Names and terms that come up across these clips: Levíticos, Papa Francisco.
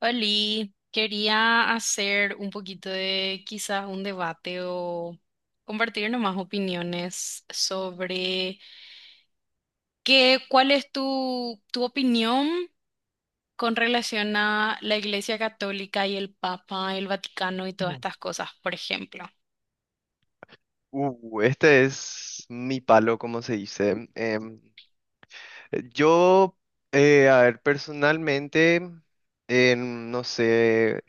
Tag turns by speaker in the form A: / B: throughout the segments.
A: Oli, quería hacer un poquito de quizás un debate o compartir nomás opiniones sobre qué, cuál es tu opinión con relación a la Iglesia Católica y el Papa, el Vaticano y todas
B: No.
A: estas cosas, por ejemplo.
B: Este es mi palo, como se dice. Yo, a ver, personalmente, no sé,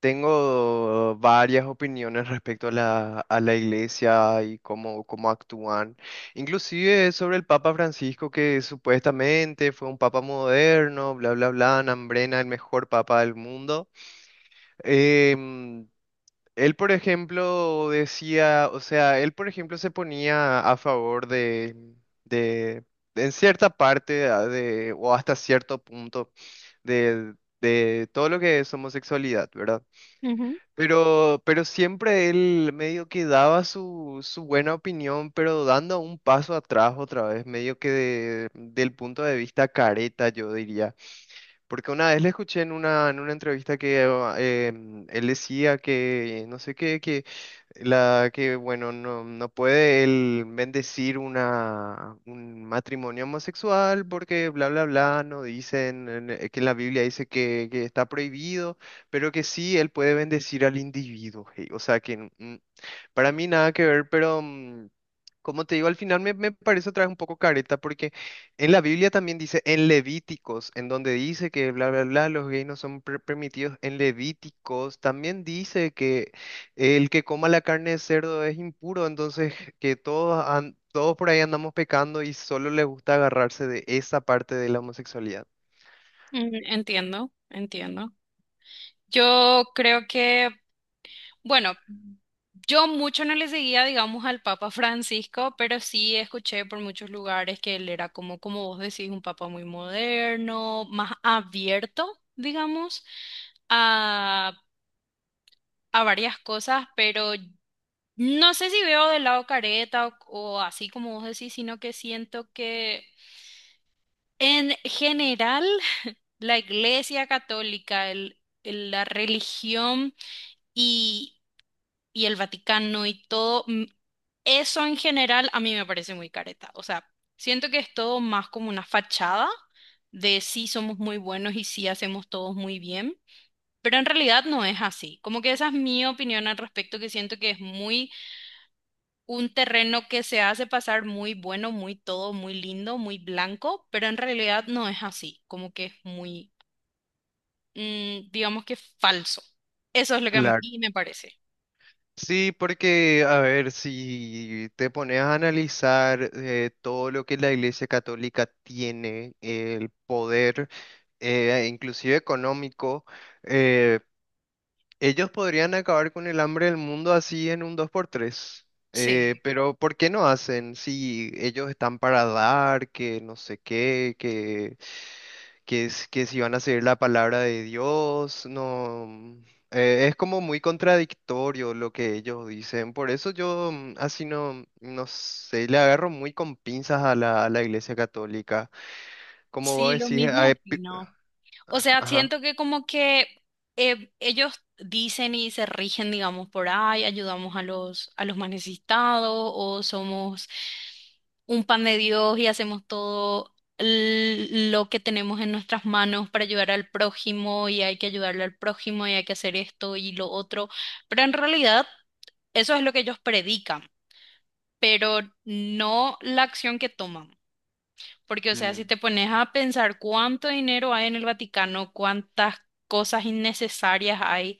B: tengo varias opiniones respecto a la iglesia y cómo actúan. Inclusive sobre el Papa Francisco, que supuestamente fue un papa moderno, bla, bla, bla, Nambrena, el mejor papa del mundo. Em, él, por ejemplo, decía, o sea, él, por ejemplo, se ponía a favor de, en cierta parte de, o hasta cierto punto de, de todo lo que es homosexualidad, ¿verdad?
A: Ujú.
B: Pero siempre él medio que daba su buena opinión, pero dando un paso atrás otra vez, medio que del punto de vista careta, yo diría. Porque una vez le escuché en una entrevista que eh, él decía que, no sé qué, que bueno, no puede él bendecir un matrimonio homosexual porque bla, bla, bla, no dicen, que en la Biblia dice que está prohibido, pero que sí, él puede bendecir al individuo. Hey, o sea, que para mí nada que ver, pero... mm, como te digo, al final me parece otra vez un poco careta. En la Biblia también dice en Levíticos, en donde dice que bla, bla, bla, los gays no son permitidos. En Levíticos también dice que el que coma la carne de cerdo es impuro, entonces que todos por ahí andamos pecando y solo les gusta agarrarse de esa parte de la homosexualidad.
A: Mm, entiendo, entiendo. Yo creo que bueno, yo mucho no le seguía, digamos, al Papa Francisco, pero sí escuché por muchos lugares que él era como, como vos decís, un papa muy moderno, más abierto, digamos, a, a varias cosas, pero no sé si veo del lado careta o así como vos decís, sino que siento que en general la Iglesia Católica, la religión y y el Vaticano y todo, eso en general a mí me parece muy careta. O sea, siento que es todo más como una fachada de sí somos muy buenos y sí hacemos todos muy bien, pero en realidad no es así. Como que esa es mi opinión al respecto, que siento que es muy un terreno que se hace pasar muy bueno, muy todo, muy lindo, muy blanco, pero en realidad no es así. Como que es muy, digamos que falso. Eso es lo que a
B: Claro.
A: mí me parece.
B: Sí, porque, a ver, si te pones a analizar todo lo que la Iglesia Católica tiene, el poder, inclusive económico, eh, ellos podrían acabar con el hambre del mundo así en un dos por tres.
A: Sí,
B: Pero ¿por qué no hacen? Si ellos están para dar, que no sé qué, que si van a seguir la palabra de Dios, no. Es como muy contradictorio lo que ellos dicen. Por eso yo así no sé, le agarro muy con pinzas a la Iglesia Católica. Como vos
A: sí, lo
B: decís,
A: mismo
B: a-
A: opino. O sea,
B: ajá.
A: siento que como que ellos dicen y se rigen, digamos, por ay, ayudamos a los más necesitados o somos un pan de Dios y hacemos todo lo que tenemos en nuestras manos para ayudar al prójimo y hay que ayudarle al prójimo y hay que hacer esto y lo otro. Pero en realidad eso es lo que ellos predican, pero no la acción que toman. Porque, o sea,
B: Mm.
A: si te pones a pensar cuánto dinero hay en el Vaticano, cuántas cosas innecesarias hay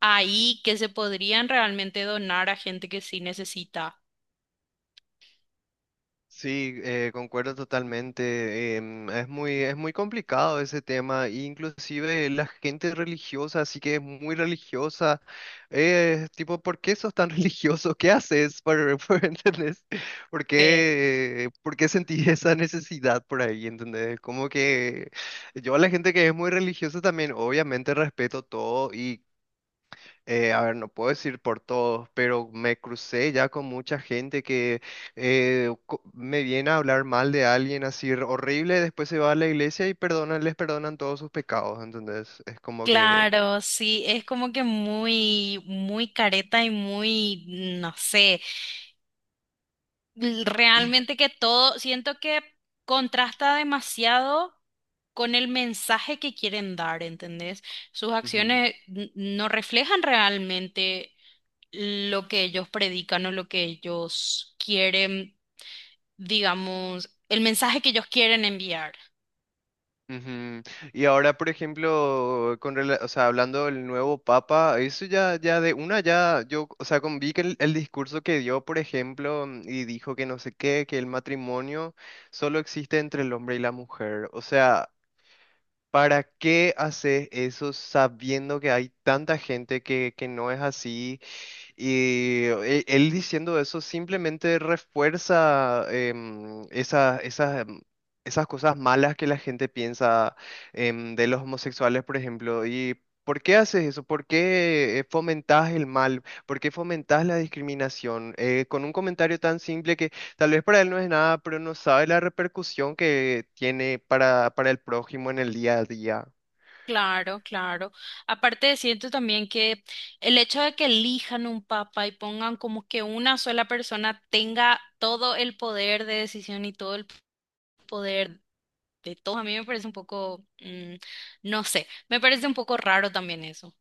A: ahí que se podrían realmente donar a gente que sí necesita.
B: Sí, concuerdo totalmente. Es es muy complicado ese tema. E inclusive la gente religiosa, así que es muy religiosa. Tipo, ¿por qué sos tan religioso? ¿Qué haces? Por, por, ¿entendés?
A: Sí.
B: ¿Por qué sentís esa necesidad por ahí? ¿Entendés? Como que yo a la gente que es muy religiosa también, obviamente respeto todo y a ver, no puedo decir por todos, pero me crucé ya con mucha gente que me viene a hablar mal de alguien así r- horrible, después se va a la iglesia y perdonan, les perdonan todos sus pecados, entonces es como que...
A: Claro, sí, es como que muy, muy careta y muy, no sé. Realmente que todo, siento que contrasta demasiado con el mensaje que quieren dar, ¿entendés? Sus
B: ujú,
A: acciones no reflejan realmente lo que ellos predican o lo que ellos quieren, digamos, el mensaje que ellos quieren enviar.
B: ujú. Y ahora, por ejemplo, con, rela- o sea, hablando del nuevo papa, eso ya, ya de una ya, yo, o sea, con, vi que el discurso que dio, por ejemplo, y dijo que no sé qué, que el matrimonio solo existe entre el hombre y la mujer, o sea... ¿Para qué haces eso sabiendo que hay tanta gente que no es así? Y él diciendo eso simplemente refuerza esas, esas cosas malas que la gente piensa de los homosexuales, por ejemplo. ¿Y por qué haces eso? ¿Por qué fomentás el mal? ¿Por qué fomentás la discriminación? Con un comentario tan simple que tal vez para él no es nada, pero no sabe la repercusión que tiene para el prójimo en el día a día.
A: Claro, claro. Aparte, siento también que el hecho de que elijan un papa y pongan como que una sola persona tenga todo el poder de decisión y todo el poder de todos. A mí me parece un poco, no sé, me parece un poco raro también eso.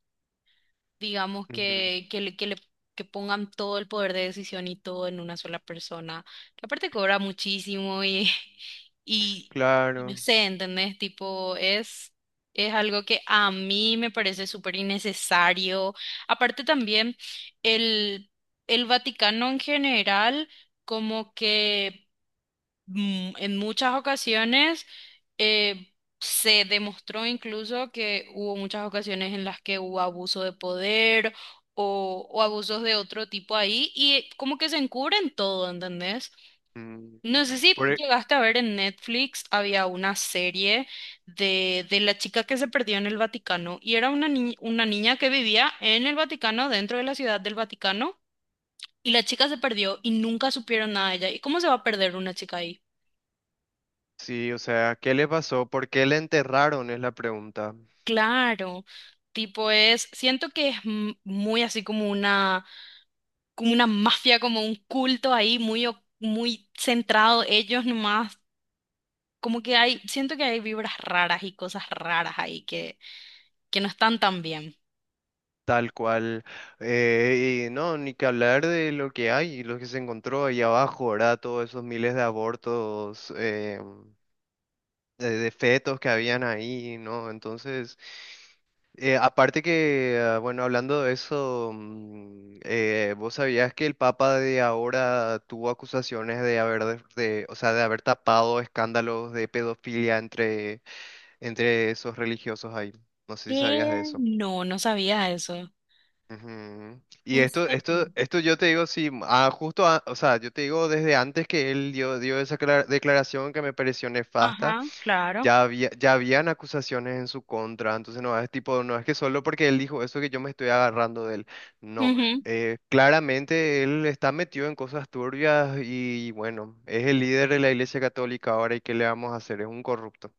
A: Digamos
B: Ujú,
A: que que pongan todo el poder de decisión y todo en una sola persona, que aparte cobra muchísimo y, y, y no
B: claro.
A: sé, ¿entendés? Tipo, es algo que a mí me parece súper innecesario. Aparte también, el, el Vaticano en general como que en muchas ocasiones eh, se demostró incluso que hubo muchas ocasiones en las que hubo abuso de poder o abusos de otro tipo ahí y como que se encubren todo, ¿entendés?
B: Mm.
A: No sé si
B: Por e-
A: llegaste a ver en Netflix, había una serie de la chica que se perdió en el Vaticano y era una, una niña que vivía en el Vaticano, dentro de la ciudad del Vaticano. Y la chica se perdió y nunca supieron nada de ella. ¿Y cómo se va a perder una chica ahí?
B: sí, o sea, ¿qué le pasó? ¿Por qué le enterraron? Es la pregunta.
A: Claro, tipo es, siento que es muy así como una mafia, como un culto ahí, muy, muy centrado ellos nomás, como que hay, siento que hay vibras raras y cosas raras ahí que no están tan bien.
B: Tal cual. Y no, ni que hablar de lo que hay, lo que se encontró ahí abajo, ¿verdad? Todos esos miles de abortos. De fetos que habían ahí, ¿no? Entonces, aparte que, ah, bueno, hablando de eso, ¿vos sabías que el Papa de ahora tuvo acusaciones de haber, o sea, de haber tapado escándalos de pedofilia entre, entre esos religiosos ahí? No sé si sabías de
A: ¿Qué?
B: eso.
A: No, no sabía eso.
B: Ujú. Y
A: ¿En serio?
B: esto yo te digo, sí, ah, justo, a- o sea, yo te digo desde antes que él dio esa declaración que me pareció nefasta.
A: Ajá, claro.
B: Ya habían acusaciones en su contra, entonces no es tipo, no es que solo porque él dijo eso que yo me estoy agarrando de él. No, claramente él está metido en cosas turbias y bueno, es el líder de la Iglesia Católica ahora y ¿qué le vamos a hacer? Es un corrupto.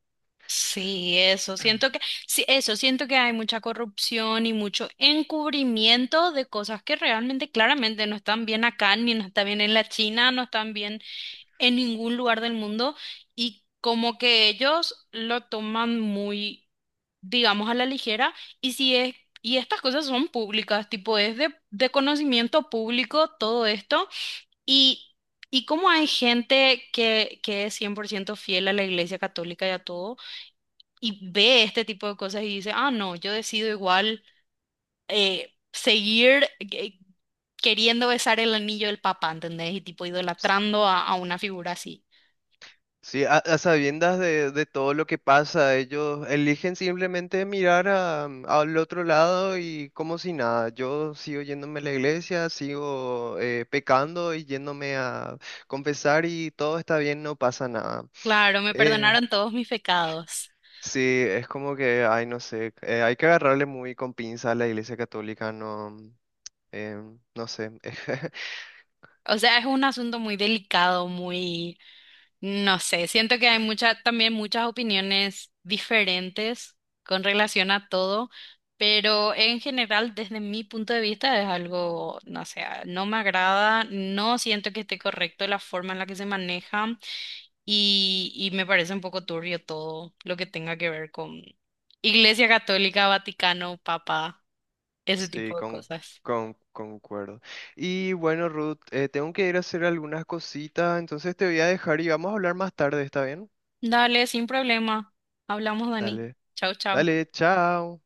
A: Sí, eso, siento que, sí, eso, siento que hay mucha corrupción y mucho encubrimiento de cosas que realmente claramente no están bien acá, ni no están bien en la China, no están bien en ningún lugar del mundo, y como que ellos lo toman muy, digamos, a la ligera, y si es, y estas cosas son públicas, tipo, es de conocimiento público todo esto, y Y como hay gente que es 100% fiel a la Iglesia Católica y a todo, y ve este tipo de cosas y dice, ah, no, yo decido igual seguir queriendo besar el anillo del papá, ¿entendés? Y tipo idolatrando a una figura así.
B: Sí, a sabiendas de todo lo que pasa, ellos eligen simplemente mirar al otro lado y como si nada. Yo sigo yéndome a la iglesia, sigo pecando y yéndome a confesar y todo está bien, no pasa nada.
A: Claro, me
B: Eh,
A: perdonaron todos mis pecados.
B: sí, es como que, ay, no sé, hay que agarrarle muy con pinza a la iglesia católica, no, eh, no sé.
A: O sea, es un asunto muy delicado, muy no sé, siento que hay mucha, también muchas opiniones diferentes con relación a todo, pero en general, desde mi punto de vista, es algo, no sé, no me agrada, no siento que esté correcto la forma en la que se maneja y me parece un poco turbio todo lo que tenga que ver con Iglesia Católica, Vaticano, Papa, ese
B: Sí,
A: tipo de cosas.
B: concuerdo. Y bueno, Ruth, tengo que ir a hacer algunas cositas, entonces te voy a dejar y vamos a hablar más tarde, ¿está bien?
A: Dale, sin problema. Hablamos, Dani.
B: Dale,
A: Chau, chau.
B: dale, chao.